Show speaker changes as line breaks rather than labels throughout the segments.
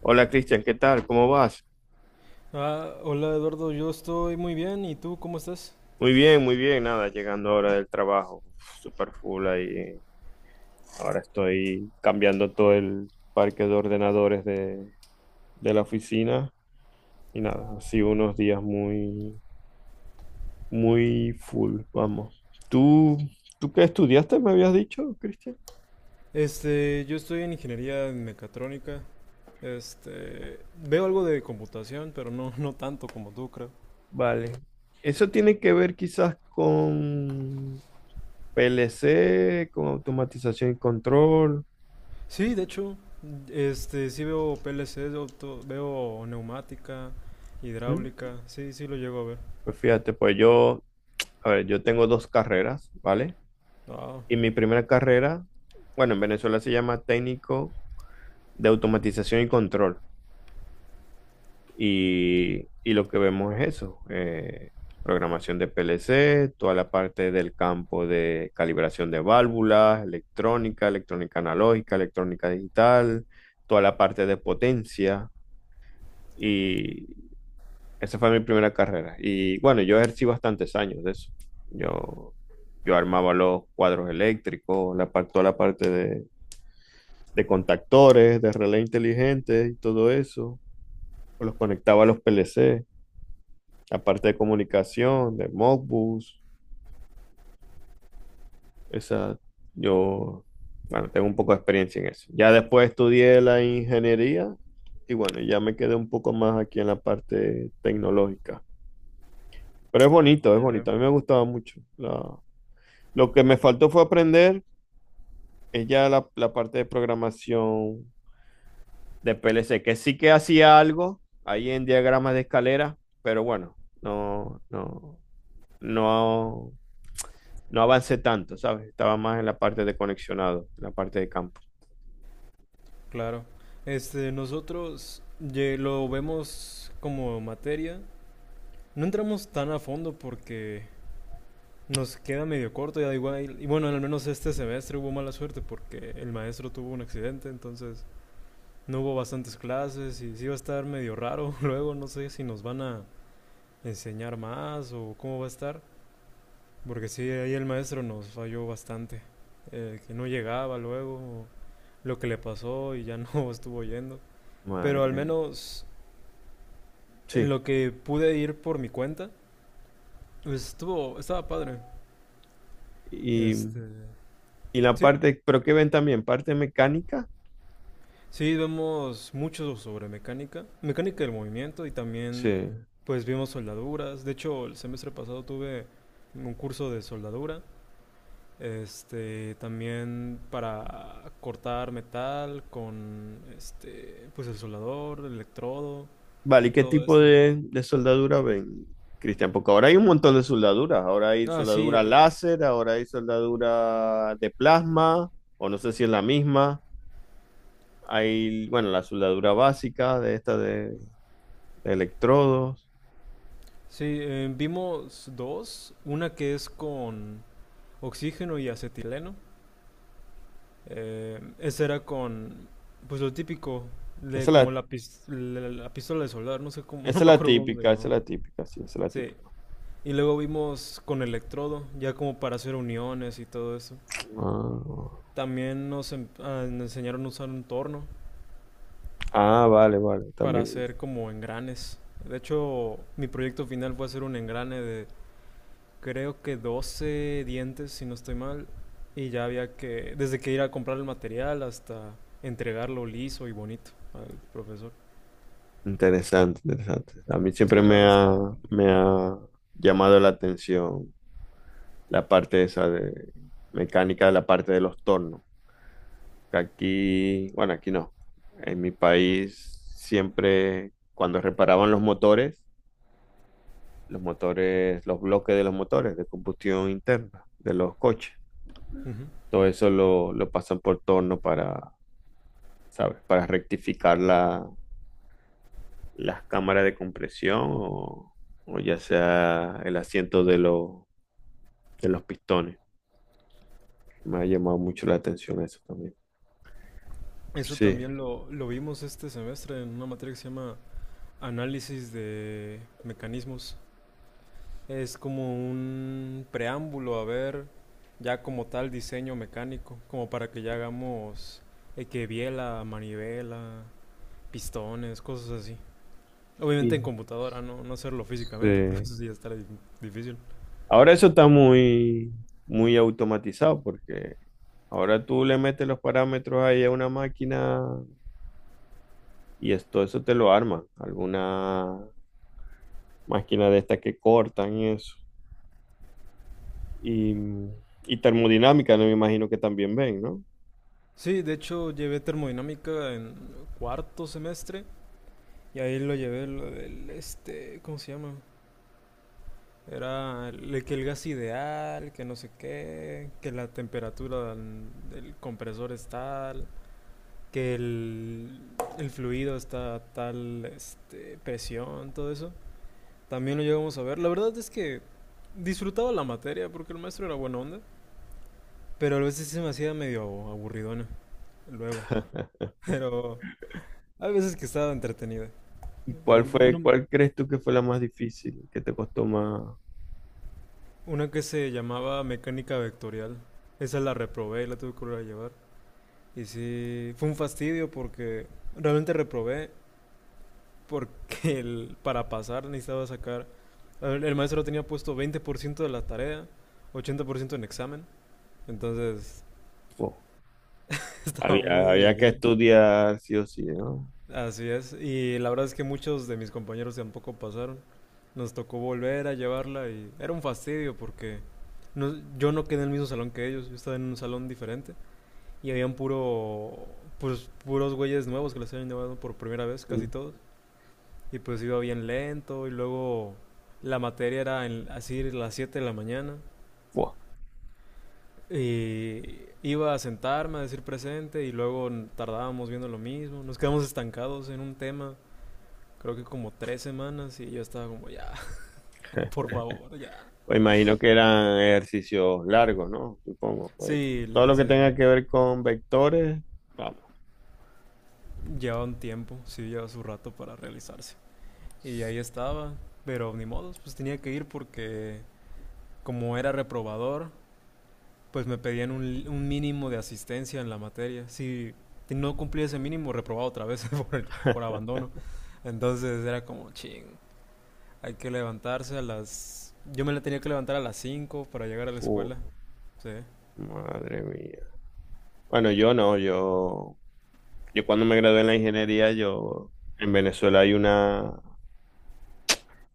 Hola Cristian, ¿qué tal? ¿Cómo vas?
Hola Eduardo, yo estoy muy bien. ¿Y tú cómo estás?
Muy bien, muy bien. Nada, llegando ahora del trabajo, super full ahí. Ahora estoy cambiando todo el parque de ordenadores de la oficina y nada, así unos días muy, muy full, vamos. ¿Tú qué estudiaste, me habías dicho, Cristian?
Yo estoy en ingeniería en mecatrónica. Este, Veo algo de computación, pero no, no tanto como tú, creo.
Vale. Eso tiene que ver quizás con PLC, con automatización y control.
Sí, de hecho, sí veo PLC, veo neumática,
¿Mm?
hidráulica. Sí, sí lo llego a ver.
Pues fíjate, pues yo, a ver, yo tengo dos carreras, ¿vale?
Ah,
Y mi primera carrera, bueno, en Venezuela se llama técnico de automatización y control. Y lo que vemos es eso, programación de PLC, toda la parte del campo de calibración de válvulas, electrónica, electrónica analógica, electrónica digital, toda la parte de potencia. Esa fue mi primera carrera. Y bueno, yo ejercí bastantes años de eso. Yo, yo armaba los cuadros eléctricos, toda la parte de contactores, de relé inteligente y todo eso. Los conectaba a los PLC, la parte de comunicación, de Modbus. Esa, yo, bueno, tengo un poco de experiencia en eso. Ya después estudié la ingeniería y bueno, ya me quedé un poco más aquí en la parte tecnológica. Pero es bonito, es bonito. A mí me gustaba mucho. Lo que me faltó fue aprender es ya la parte de programación de PLC, que sí que hacía algo ahí en diagramas de escalera, pero bueno, no, no avancé tanto, ¿sabes? Estaba más en la parte de conexionado, en la parte de campo.
claro. Nosotros lo vemos como materia. No entramos tan a fondo porque nos queda medio corto, ya igual. Y bueno, al menos este semestre hubo mala suerte porque el maestro tuvo un accidente, entonces no hubo bastantes clases y sí va a estar medio raro. Luego no sé si nos van a enseñar más o cómo va a estar, porque sí, ahí el maestro nos falló bastante. Que no llegaba luego, lo que le pasó y ya no estuvo yendo.
Madre.
Pero al
mía.
menos en
Sí.
lo que pude ir por mi cuenta, estaba padre.
Y,
Este,
y la
sí,
parte, pero ¿qué ven también? ¿Parte mecánica?
Sí, vemos mucho sobre mecánica, mecánica del movimiento y
Sí.
también pues vimos soldaduras. De hecho, el semestre pasado tuve un curso de soldadura, este también para cortar metal con este pues el soldador, el electrodo,
Vale, ¿y qué
todo
tipo
esto.
de soldadura ven, Cristian? Porque ahora hay un montón de soldaduras. Ahora hay
Ah, sí,
soldadura láser, ahora hay soldadura de plasma, o no sé si es la misma. Bueno, la soldadura básica de esta de electrodos.
sí, vimos dos, una que es con oxígeno y acetileno. Eh, ese era con, pues lo típico,
Esa
de
es
como
la,
la pistola de soldar, no sé cómo, no
esa es
me
la
acuerdo cómo se
típica, esa
llamaba.
es la típica, sí, esa es la
Sí,
típica.
y luego vimos con electrodo, ya como para hacer uniones y todo eso. También nos enseñaron a usar un torno
Ah, ah, vale, vale,
para
también.
hacer como engranes. De hecho, mi proyecto final fue hacer un engrane de creo que 12 dientes, si no estoy mal, y ya había que, desde que ir a comprar el material hasta entregarlo liso y bonito al profesor.
Interesante, interesante. A mí
Sí,
siempre
la
me
verdad.
ha, me ha llamado la atención la parte esa de mecánica de la parte de los tornos. Aquí, bueno, aquí no. En mi país siempre, cuando reparaban los motores, los bloques de los motores de combustión interna de los coches,
Ujú.
todo eso lo pasan por torno para, ¿sabes? Para rectificar las cámaras de compresión o ya sea el asiento de los pistones. Me ha llamado mucho la atención eso también.
Eso
Sí.
también lo vimos este semestre en una materia que se llama Análisis de Mecanismos. Es como un preámbulo a ver ya como tal diseño mecánico, como para que ya hagamos que biela, manivela, pistones, cosas así.
Sí.
Obviamente en computadora, no, no hacerlo físicamente, porque
Sí.
eso sí ya difícil.
Ahora eso está muy, muy automatizado porque ahora tú le metes los parámetros ahí a una máquina y esto, eso te lo arma. Alguna máquina de estas que cortan y eso. Y, y termodinámica, no me imagino que también ven, ¿no?
Sí, de hecho llevé termodinámica en cuarto semestre y ahí lo llevé lo del, este, ¿cómo se llama? Era el, que el gas ideal, que no sé qué, que la temperatura del, del compresor es tal, que el, el fluido está a tal este, presión, todo eso. También lo llegamos a ver. La verdad es que disfrutaba la materia porque el maestro era buena onda, pero a veces sí se me hacía medio aburridona luego. Pero hay veces que estaba entretenida.
¿Y
Por
cuál
ejemplo,
fue, cuál crees tú que fue la más difícil, que te costó más?
una que se llamaba mecánica vectorial. Esa la reprobé y la tuve que volver a llevar. Y sí, fue un fastidio porque realmente reprobé porque para pasar necesitaba sacar, el maestro tenía puesto 20% de la tarea, 80% en examen, entonces
Fua.
estaba muy
Había que
difícil.
estudiar sí o sí, ¿no?
Así es, y la verdad es que muchos de mis compañeros tampoco pasaron, nos tocó volver a llevarla y era un fastidio porque yo no quedé en el mismo salón que ellos, yo estaba en un salón diferente y habían puros güeyes nuevos que les habían llevado por primera vez, casi
Mm,
todos. Y pues iba bien lento y luego la materia era en, así a las 7 de la mañana.
fua.
Y iba a sentarme a decir presente y luego tardábamos viendo lo mismo. Nos quedamos estancados en un tema, creo que como 3 semanas y yo estaba como, ya, por favor, ya.
Pues imagino que eran ejercicios largos, ¿no? Supongo. Pues
Sí,
todo lo que tenga que ver con vectores, vamos.
llevaba un tiempo, sí, llevaba su rato para realizarse. Y ahí estaba, pero ni modos, pues tenía que ir porque como era reprobador, pues me pedían un mínimo de asistencia en la materia. Si no cumplía ese mínimo, reprobaba otra vez por abandono. Entonces era como, ching, hay que levantarse a las... Yo me la tenía que levantar a las 5 para llegar a la
Uh,
escuela. Sí,
madre mía. Bueno, yo no, yo cuando me gradué en la ingeniería, yo en Venezuela hay una,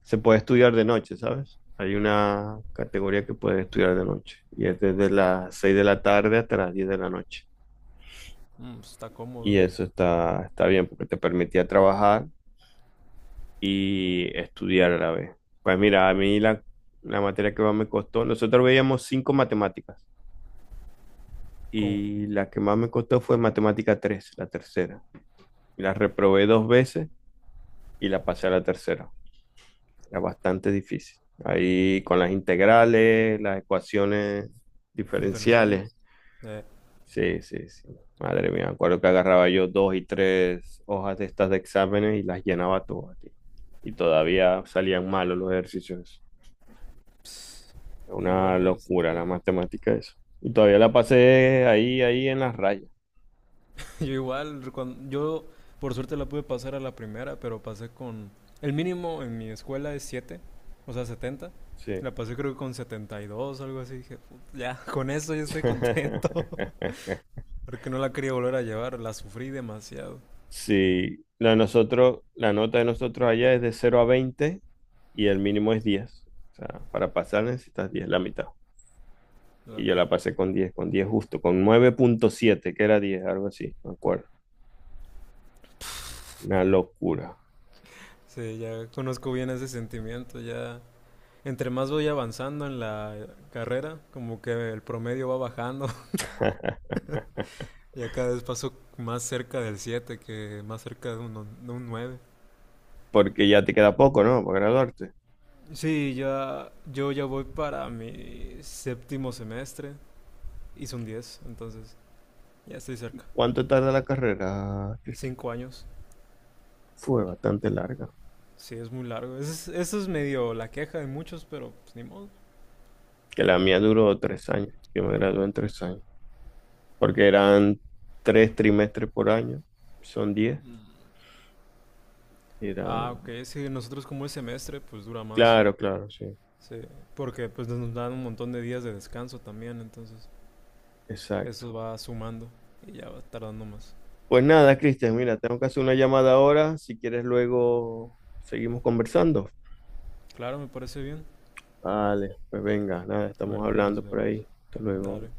se puede estudiar de noche, ¿sabes? Hay una categoría que puedes estudiar de noche y es desde las 6 de la tarde hasta las 10 de la noche.
mm, pues, está
Y
cómodo.
eso está bien porque te permitía trabajar y estudiar a la vez. Pues mira, a mí la materia que más me costó, nosotros veíamos cinco matemáticas
¿Cómo?
y la que más me costó fue matemática 3, la tercera. La reprobé dos veces y la pasé a la tercera. Era bastante difícil. Ahí con las integrales, las ecuaciones diferenciales.
Diferenciales. Eh,
Sí, sí, sí. Madre mía, me acuerdo que agarraba yo dos y tres hojas de estas de exámenes y las llenaba todas, tío. Y todavía salían malos los ejercicios.
pss,
Es una
Igual,
locura la
este...
matemática eso. Y todavía la pasé ahí, ahí en las rayas.
Yo igual, yo por suerte la pude pasar a la primera, pero pasé con... El mínimo en mi escuela es 7, o sea, 70.
Sí.
La pasé creo que con 72, algo así. Dije, Ya, con eso ya estoy contento". Porque no la quería volver a llevar, la sufrí demasiado.
Sí. La de nosotros, la nota de nosotros allá es de cero a 20 y el mínimo es 10. O sea, para pasar necesitas 10 la mitad.
Lo
Y yo la pasé con 10 con 10 justo, con 9,7 que era 10 algo así, me acuerdo. Una locura.
sí, ya conozco bien ese sentimiento, ya... Entre más voy avanzando en la carrera, como que el promedio va bajando. Ya cada vez paso más cerca del 7 que más cerca de de un nueve.
Porque ya te queda poco, ¿no? Para graduarte.
Sí, ya, yo ya voy para mi séptimo semestre. Hice un 10, entonces ya estoy cerca.
¿Cuánto tarda la carrera, Cristian?
5 años.
Fue bastante larga,
Sí, es muy largo. Eso es medio la queja de muchos, pero pues ni modo.
que la mía duró 3 años. Yo me gradué en 3 años, porque eran 3 trimestres por año, son 10.
Ah, ok.
Eran,
Sí, nosotros como el semestre, pues dura más.
claro, claro, sí,
Sí, porque pues nos dan un montón de días de descanso también, entonces eso
exacto.
va sumando y ya va tardando más.
Pues nada, Cristian, mira, tengo que hacer una llamada ahora. Si quieres, luego seguimos conversando.
Claro, me parece bien.
Vale, pues venga, nada, estamos
Bueno, y
hablando
nos
por
vemos.
ahí. Hasta
Dale.
luego.